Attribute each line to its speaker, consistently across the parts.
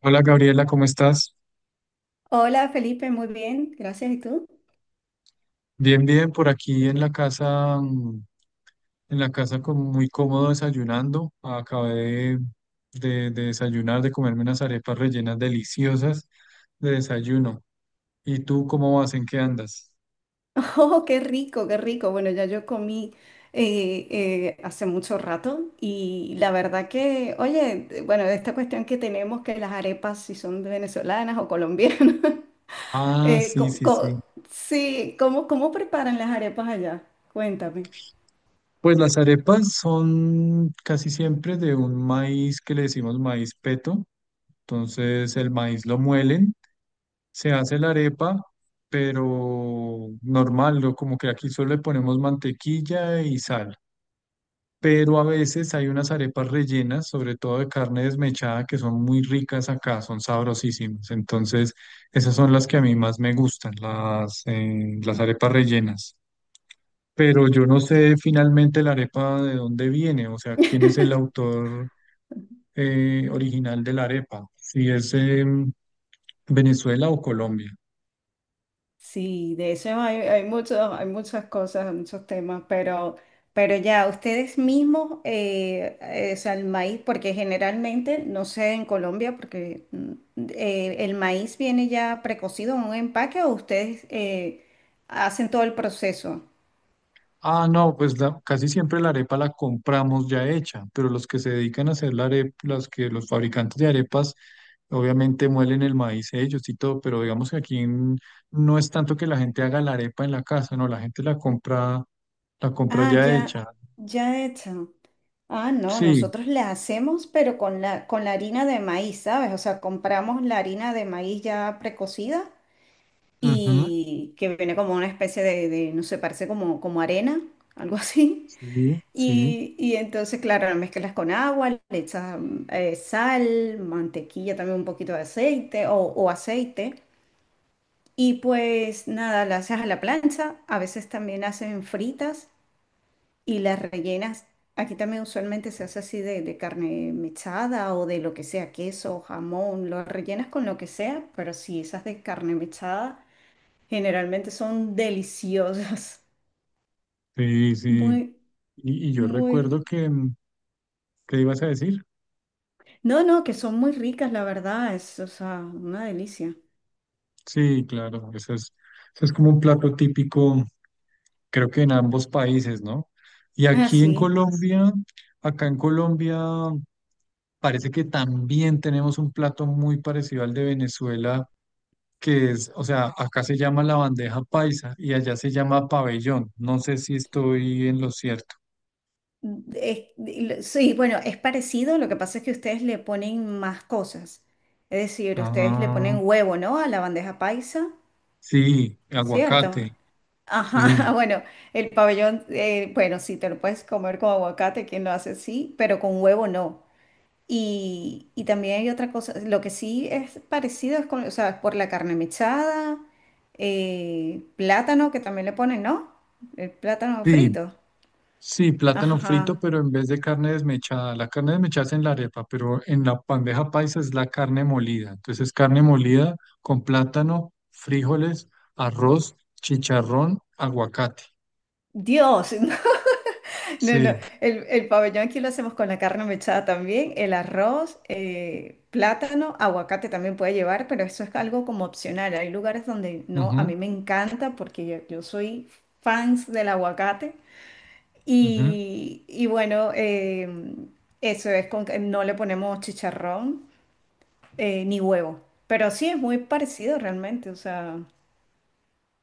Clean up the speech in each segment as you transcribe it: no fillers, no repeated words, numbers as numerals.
Speaker 1: Hola Gabriela, ¿cómo estás?
Speaker 2: Hola Felipe, muy bien, gracias. ¿Y tú?
Speaker 1: Bien, bien, por aquí en la casa, en la casa como muy cómodo desayunando. Acabé de desayunar, de comerme unas arepas rellenas deliciosas de desayuno. ¿Y tú cómo vas? ¿En qué andas?
Speaker 2: Oh, qué rico, qué rico. Bueno, ya yo comí hace mucho rato y la verdad que, oye, bueno, esta cuestión que tenemos que las arepas, si son venezolanas o colombianas,
Speaker 1: Ah,
Speaker 2: eh,
Speaker 1: sí,
Speaker 2: co-
Speaker 1: sí, sí.
Speaker 2: co- sí, ¿cómo preparan las arepas allá? Cuéntame.
Speaker 1: Pues las arepas son casi siempre de un maíz que le decimos maíz peto. Entonces el maíz lo muelen. Se hace la arepa, pero normal, ¿no? Como que aquí solo le ponemos mantequilla y sal. Pero a veces hay unas arepas rellenas, sobre todo de carne desmechada, que son muy ricas acá, son sabrosísimas. Entonces, esas son las que a mí más me gustan, las arepas rellenas. Pero yo no sé finalmente la arepa de dónde viene, o sea, quién es el autor original de la arepa, si es Venezuela o Colombia.
Speaker 2: Sí, de eso hay, hay muchas cosas, muchos temas, pero ya ustedes mismos, o sea, el maíz, porque generalmente, no sé en Colombia, porque el maíz viene ya precocido en un empaque o ustedes hacen todo el proceso.
Speaker 1: Ah, no, pues la- casi siempre la arepa la compramos ya hecha, pero los que se dedican a hacer la arepa, los que los fabricantes de arepas, obviamente muelen el maíz ellos y todo, pero digamos que aquí en- no es tanto que la gente haga la arepa en la casa, no, la gente la compra
Speaker 2: Ah,
Speaker 1: ya
Speaker 2: ya,
Speaker 1: hecha.
Speaker 2: ya hecho. Ah, no,
Speaker 1: Sí,
Speaker 2: nosotros la hacemos, pero con la harina de maíz, ¿sabes? O sea, compramos la harina de maíz ya precocida
Speaker 1: ujú,
Speaker 2: y que viene como una especie no sé, parece como, como arena, algo así.
Speaker 1: sí, sí,
Speaker 2: Y entonces, claro, la mezclas con agua, le echas sal, mantequilla, también un poquito de aceite o aceite. Y pues nada, la haces a la plancha, a veces también hacen fritas y las rellenas. Aquí también usualmente se hace así de carne mechada o de lo que sea, queso, jamón, lo rellenas con lo que sea, pero si esas de carne mechada. Generalmente son deliciosas,
Speaker 1: sí, sí.
Speaker 2: muy,
Speaker 1: Y yo
Speaker 2: muy...
Speaker 1: recuerdo que, ¿qué ibas a decir?
Speaker 2: No, no, que son muy ricas, la verdad, es, o sea, una delicia.
Speaker 1: Sí, claro, eso es como un plato típico creo que en ambos países, ¿no? Y
Speaker 2: Ah,
Speaker 1: aquí en
Speaker 2: sí.
Speaker 1: Colombia, acá en Colombia, parece que también tenemos un plato muy parecido al de Venezuela, que es, o sea, acá se llama la bandeja paisa y allá se llama pabellón. No sé si estoy en lo cierto.
Speaker 2: Sí, bueno, es parecido, lo que pasa es que ustedes le ponen más cosas. Es decir, ustedes le
Speaker 1: Ah,
Speaker 2: ponen huevo, ¿no? A la bandeja paisa,
Speaker 1: sí,
Speaker 2: ¿cierto?
Speaker 1: aguacate,
Speaker 2: Ajá,
Speaker 1: sí.
Speaker 2: bueno, el pabellón, bueno, sí, te lo puedes comer con aguacate, quien lo hace, sí, pero con huevo no. Y también hay otra cosa, lo que sí es parecido es con, o sea, por la carne mechada, plátano que también le ponen, ¿no? El plátano
Speaker 1: Sí,
Speaker 2: frito.
Speaker 1: sí, plátano
Speaker 2: Ajá.
Speaker 1: frito, pero en vez de carne desmechada. La carne desmechada es en la arepa, pero en la bandeja paisa es la carne molida. Entonces, carne molida con plátano, frijoles, arroz, chicharrón, aguacate.
Speaker 2: Dios, no, no,
Speaker 1: Sí.
Speaker 2: el pabellón aquí lo hacemos con la carne mechada también, el arroz, plátano, aguacate también puede llevar, pero eso es algo como opcional. Hay lugares donde no, a
Speaker 1: Ujú,
Speaker 2: mí me encanta porque yo soy fans del aguacate.
Speaker 1: ujú.
Speaker 2: Y bueno, eso es con que no le ponemos chicharrón ni huevo. Pero sí es muy parecido realmente, o sea,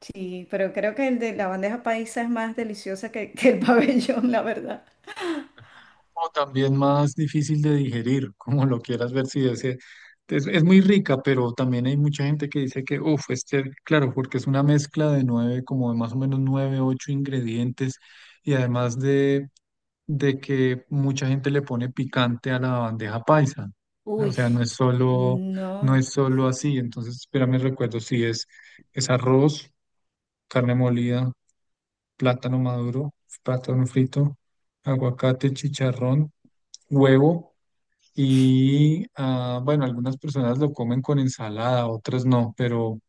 Speaker 2: sí, pero creo que el de la bandeja paisa es más deliciosa que el pabellón, la verdad.
Speaker 1: O también más difícil de digerir, como lo quieras ver, si ese- es muy rica, pero también hay mucha gente que dice que, uff, este, claro, porque es una mezcla de nueve, como de más o menos nueve, ocho ingredientes y además de que mucha gente le pone picante a la bandeja paisa. O
Speaker 2: Uy,
Speaker 1: sea, no es solo, no
Speaker 2: no,
Speaker 1: es solo así. Entonces, espérame, recuerdo si es, es arroz, carne molida, plátano maduro, plátano frito, aguacate, chicharrón, huevo. Y ah, bueno, algunas personas lo comen con ensalada, otras no,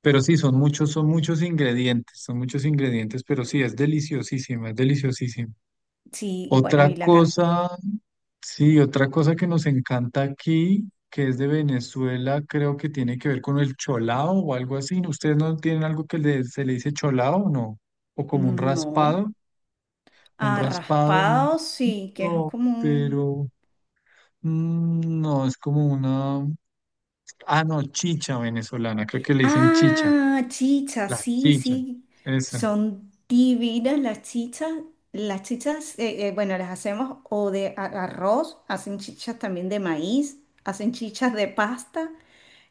Speaker 1: pero sí, son muchos ingredientes, pero sí, es deliciosísima, es deliciosísima.
Speaker 2: sí, bueno,
Speaker 1: Otra cosa, sí, otra cosa que nos encanta aquí, que es de Venezuela, creo que tiene que ver con el cholao o algo así. ¿Ustedes no tienen algo que le- se le dice cholao o no? O como
Speaker 2: no.
Speaker 1: un
Speaker 2: Ah,
Speaker 1: raspado,
Speaker 2: raspado sí, que es
Speaker 1: no,
Speaker 2: como un...
Speaker 1: pero no, es como una, ah, no, chicha venezolana, creo que le dicen chicha,
Speaker 2: Ah, chichas,
Speaker 1: la
Speaker 2: sí,
Speaker 1: chicha,
Speaker 2: sí.
Speaker 1: esa,
Speaker 2: Son divinas las chichas. Las chichas, bueno, las hacemos arroz, hacen chichas también de maíz, hacen chichas de pasta.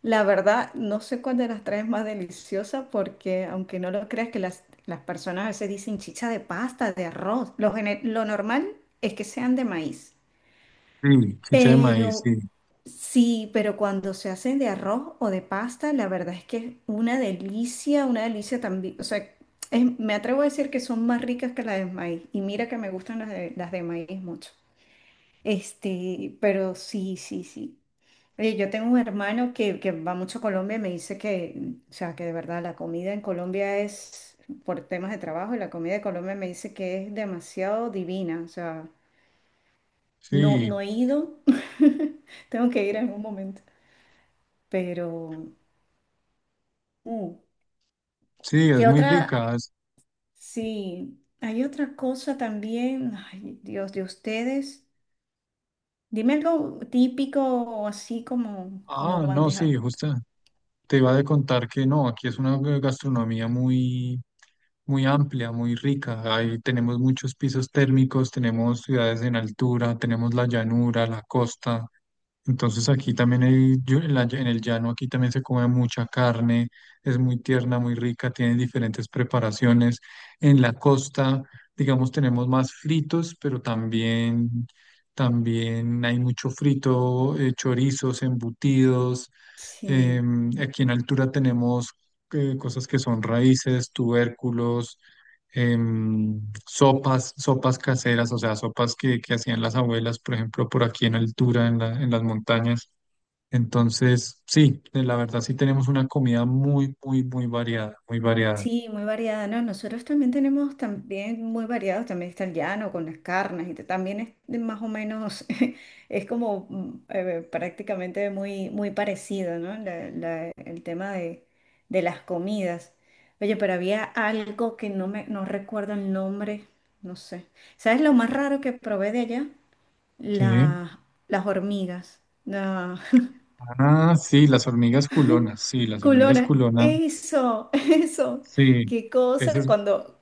Speaker 2: La verdad, no sé cuál de las tres es más deliciosa porque, aunque no lo creas, que las personas a veces dicen chicha de pasta, de arroz. Lo normal es que sean de maíz.
Speaker 1: sí, chicha de maíz,
Speaker 2: Pero
Speaker 1: sí,
Speaker 2: sí, pero cuando se hacen de arroz o de pasta, la verdad es que es una delicia también. O sea, me atrevo a decir que son más ricas que las de maíz. Y mira que me gustan las de maíz mucho. Este, pero sí, sí, sí. Oye, yo tengo un hermano que va mucho a Colombia y me dice que, o sea, que de verdad la comida en Colombia es, por temas de trabajo, y la comida de Colombia me dice que es demasiado divina. O sea, no,
Speaker 1: sí,
Speaker 2: no he ido. Tengo que ir en algún momento. Pero, mm,
Speaker 1: sí, es
Speaker 2: ¿qué
Speaker 1: muy
Speaker 2: otra?
Speaker 1: rica. Es-
Speaker 2: Sí, hay otra cosa también. Ay, Dios, de ustedes. Dime algo típico o así como, como
Speaker 1: ah, no,
Speaker 2: bandeja.
Speaker 1: sí, justo. Te iba a contar que no, aquí es una gastronomía muy, muy amplia, muy rica. Ahí tenemos muchos pisos térmicos, tenemos ciudades en altura, tenemos la llanura, la costa. Entonces aquí también hay, yo- en la en el llano aquí también se come mucha carne, es muy tierna, muy rica, tiene diferentes preparaciones. En la costa, digamos, tenemos más fritos, pero también, también hay mucho frito, chorizos, embutidos.
Speaker 2: Sí.
Speaker 1: Aquí en altura tenemos cosas que son raíces, tubérculos, em, sopas, sopas caseras, o sea, sopas que hacían las abuelas, por ejemplo, por aquí en altura, en la- en las montañas. Entonces, sí, de la verdad sí tenemos una comida muy, muy, muy variada, muy variada.
Speaker 2: Sí, muy variada, ¿no? Nosotros también tenemos también muy variados, también está el llano con las carnes también es de más o menos, es como prácticamente muy, muy parecido, ¿no? El tema de las comidas. Oye, pero había algo que no recuerdo el nombre, no sé. ¿Sabes lo más raro que probé de allá?
Speaker 1: ¿Qué?
Speaker 2: La- las hormigas.
Speaker 1: Ah, sí, las hormigas culonas, sí, las hormigas
Speaker 2: Culona,
Speaker 1: culonas,
Speaker 2: eso, eso.
Speaker 1: sí,
Speaker 2: Qué
Speaker 1: esa
Speaker 2: cosa.
Speaker 1: es
Speaker 2: Cuando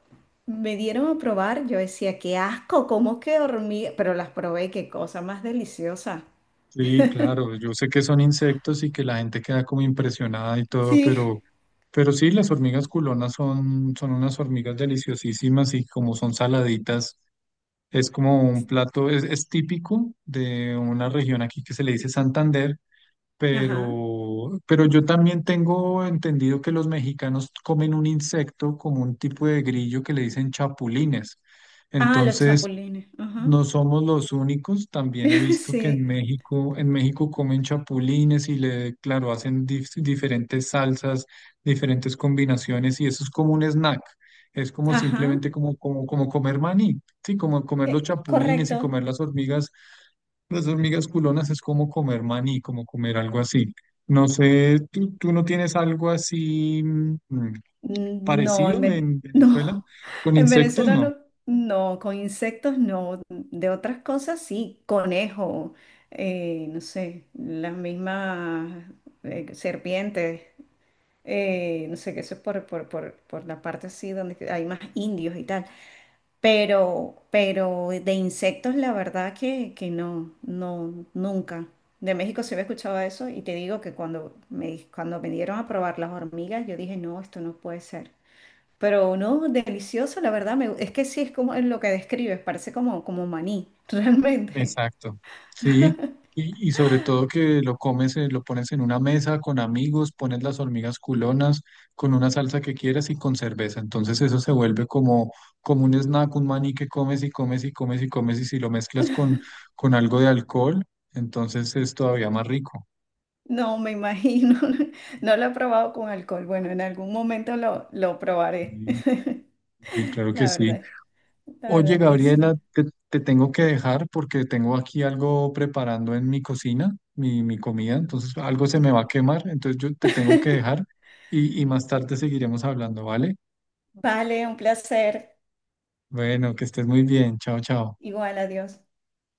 Speaker 2: me dieron a probar, yo decía, qué asco, cómo que hormiga. Pero las probé, qué cosa más deliciosa.
Speaker 1: sí, claro, yo sé que son insectos y que la gente queda como impresionada y todo,
Speaker 2: Sí.
Speaker 1: pero sí, las hormigas culonas son, son unas hormigas deliciosísimas y como son saladitas, es como un plato, es típico de una región aquí que se le dice Santander,
Speaker 2: Ajá.
Speaker 1: pero yo también tengo entendido que los mexicanos comen un insecto como un tipo de grillo que le dicen chapulines.
Speaker 2: Ah, los
Speaker 1: Entonces...
Speaker 2: chapulines. Ajá.
Speaker 1: No somos los únicos, también he visto que
Speaker 2: Sí.
Speaker 1: En México comen chapulines y le, claro, hacen dif- diferentes salsas, diferentes combinaciones y eso es como un snack. Es como
Speaker 2: Ajá.
Speaker 1: simplemente como, como, como comer maní, sí, como comer los chapulines y
Speaker 2: Correcto.
Speaker 1: comer las hormigas culonas es como comer maní, como comer algo así. No sé, ¿tú, tú no tienes algo así
Speaker 2: Mm, no,
Speaker 1: parecido en Venezuela
Speaker 2: No,
Speaker 1: con
Speaker 2: en
Speaker 1: insectos?
Speaker 2: Venezuela
Speaker 1: No.
Speaker 2: no, no, con insectos no, de otras cosas sí, conejo, no sé, las mismas serpientes, no sé, que eso es por la parte así donde que hay más indios y tal, pero de insectos la verdad que no, no, nunca. De México se había escuchado eso y te digo que cuando me dieron a probar las hormigas, yo dije, no, esto no puede ser. Pero no, delicioso, la verdad. Es que sí, es como en lo que describes, parece como, como maní, realmente.
Speaker 1: Exacto. Sí, y sobre todo que lo comes, lo pones en una mesa con amigos, pones las hormigas culonas con una salsa que quieras y con cerveza. Entonces eso se vuelve como, como un snack, un maní que comes y comes y comes y comes y si lo mezclas con algo de alcohol, entonces es todavía más rico.
Speaker 2: No, me imagino. No lo he probado con alcohol. Bueno, en algún momento lo probaré.
Speaker 1: Sí, sí, claro que
Speaker 2: La
Speaker 1: sí.
Speaker 2: verdad, la
Speaker 1: Oye,
Speaker 2: verdad que
Speaker 1: Gabriela,
Speaker 2: sí.
Speaker 1: te tengo que dejar porque tengo aquí algo preparando en mi cocina, mi comida, entonces algo se me va a quemar, entonces yo te tengo que dejar y más tarde seguiremos hablando, ¿vale?
Speaker 2: Vale, un placer.
Speaker 1: Bueno, que estés muy bien, chao, chao.
Speaker 2: Igual, adiós.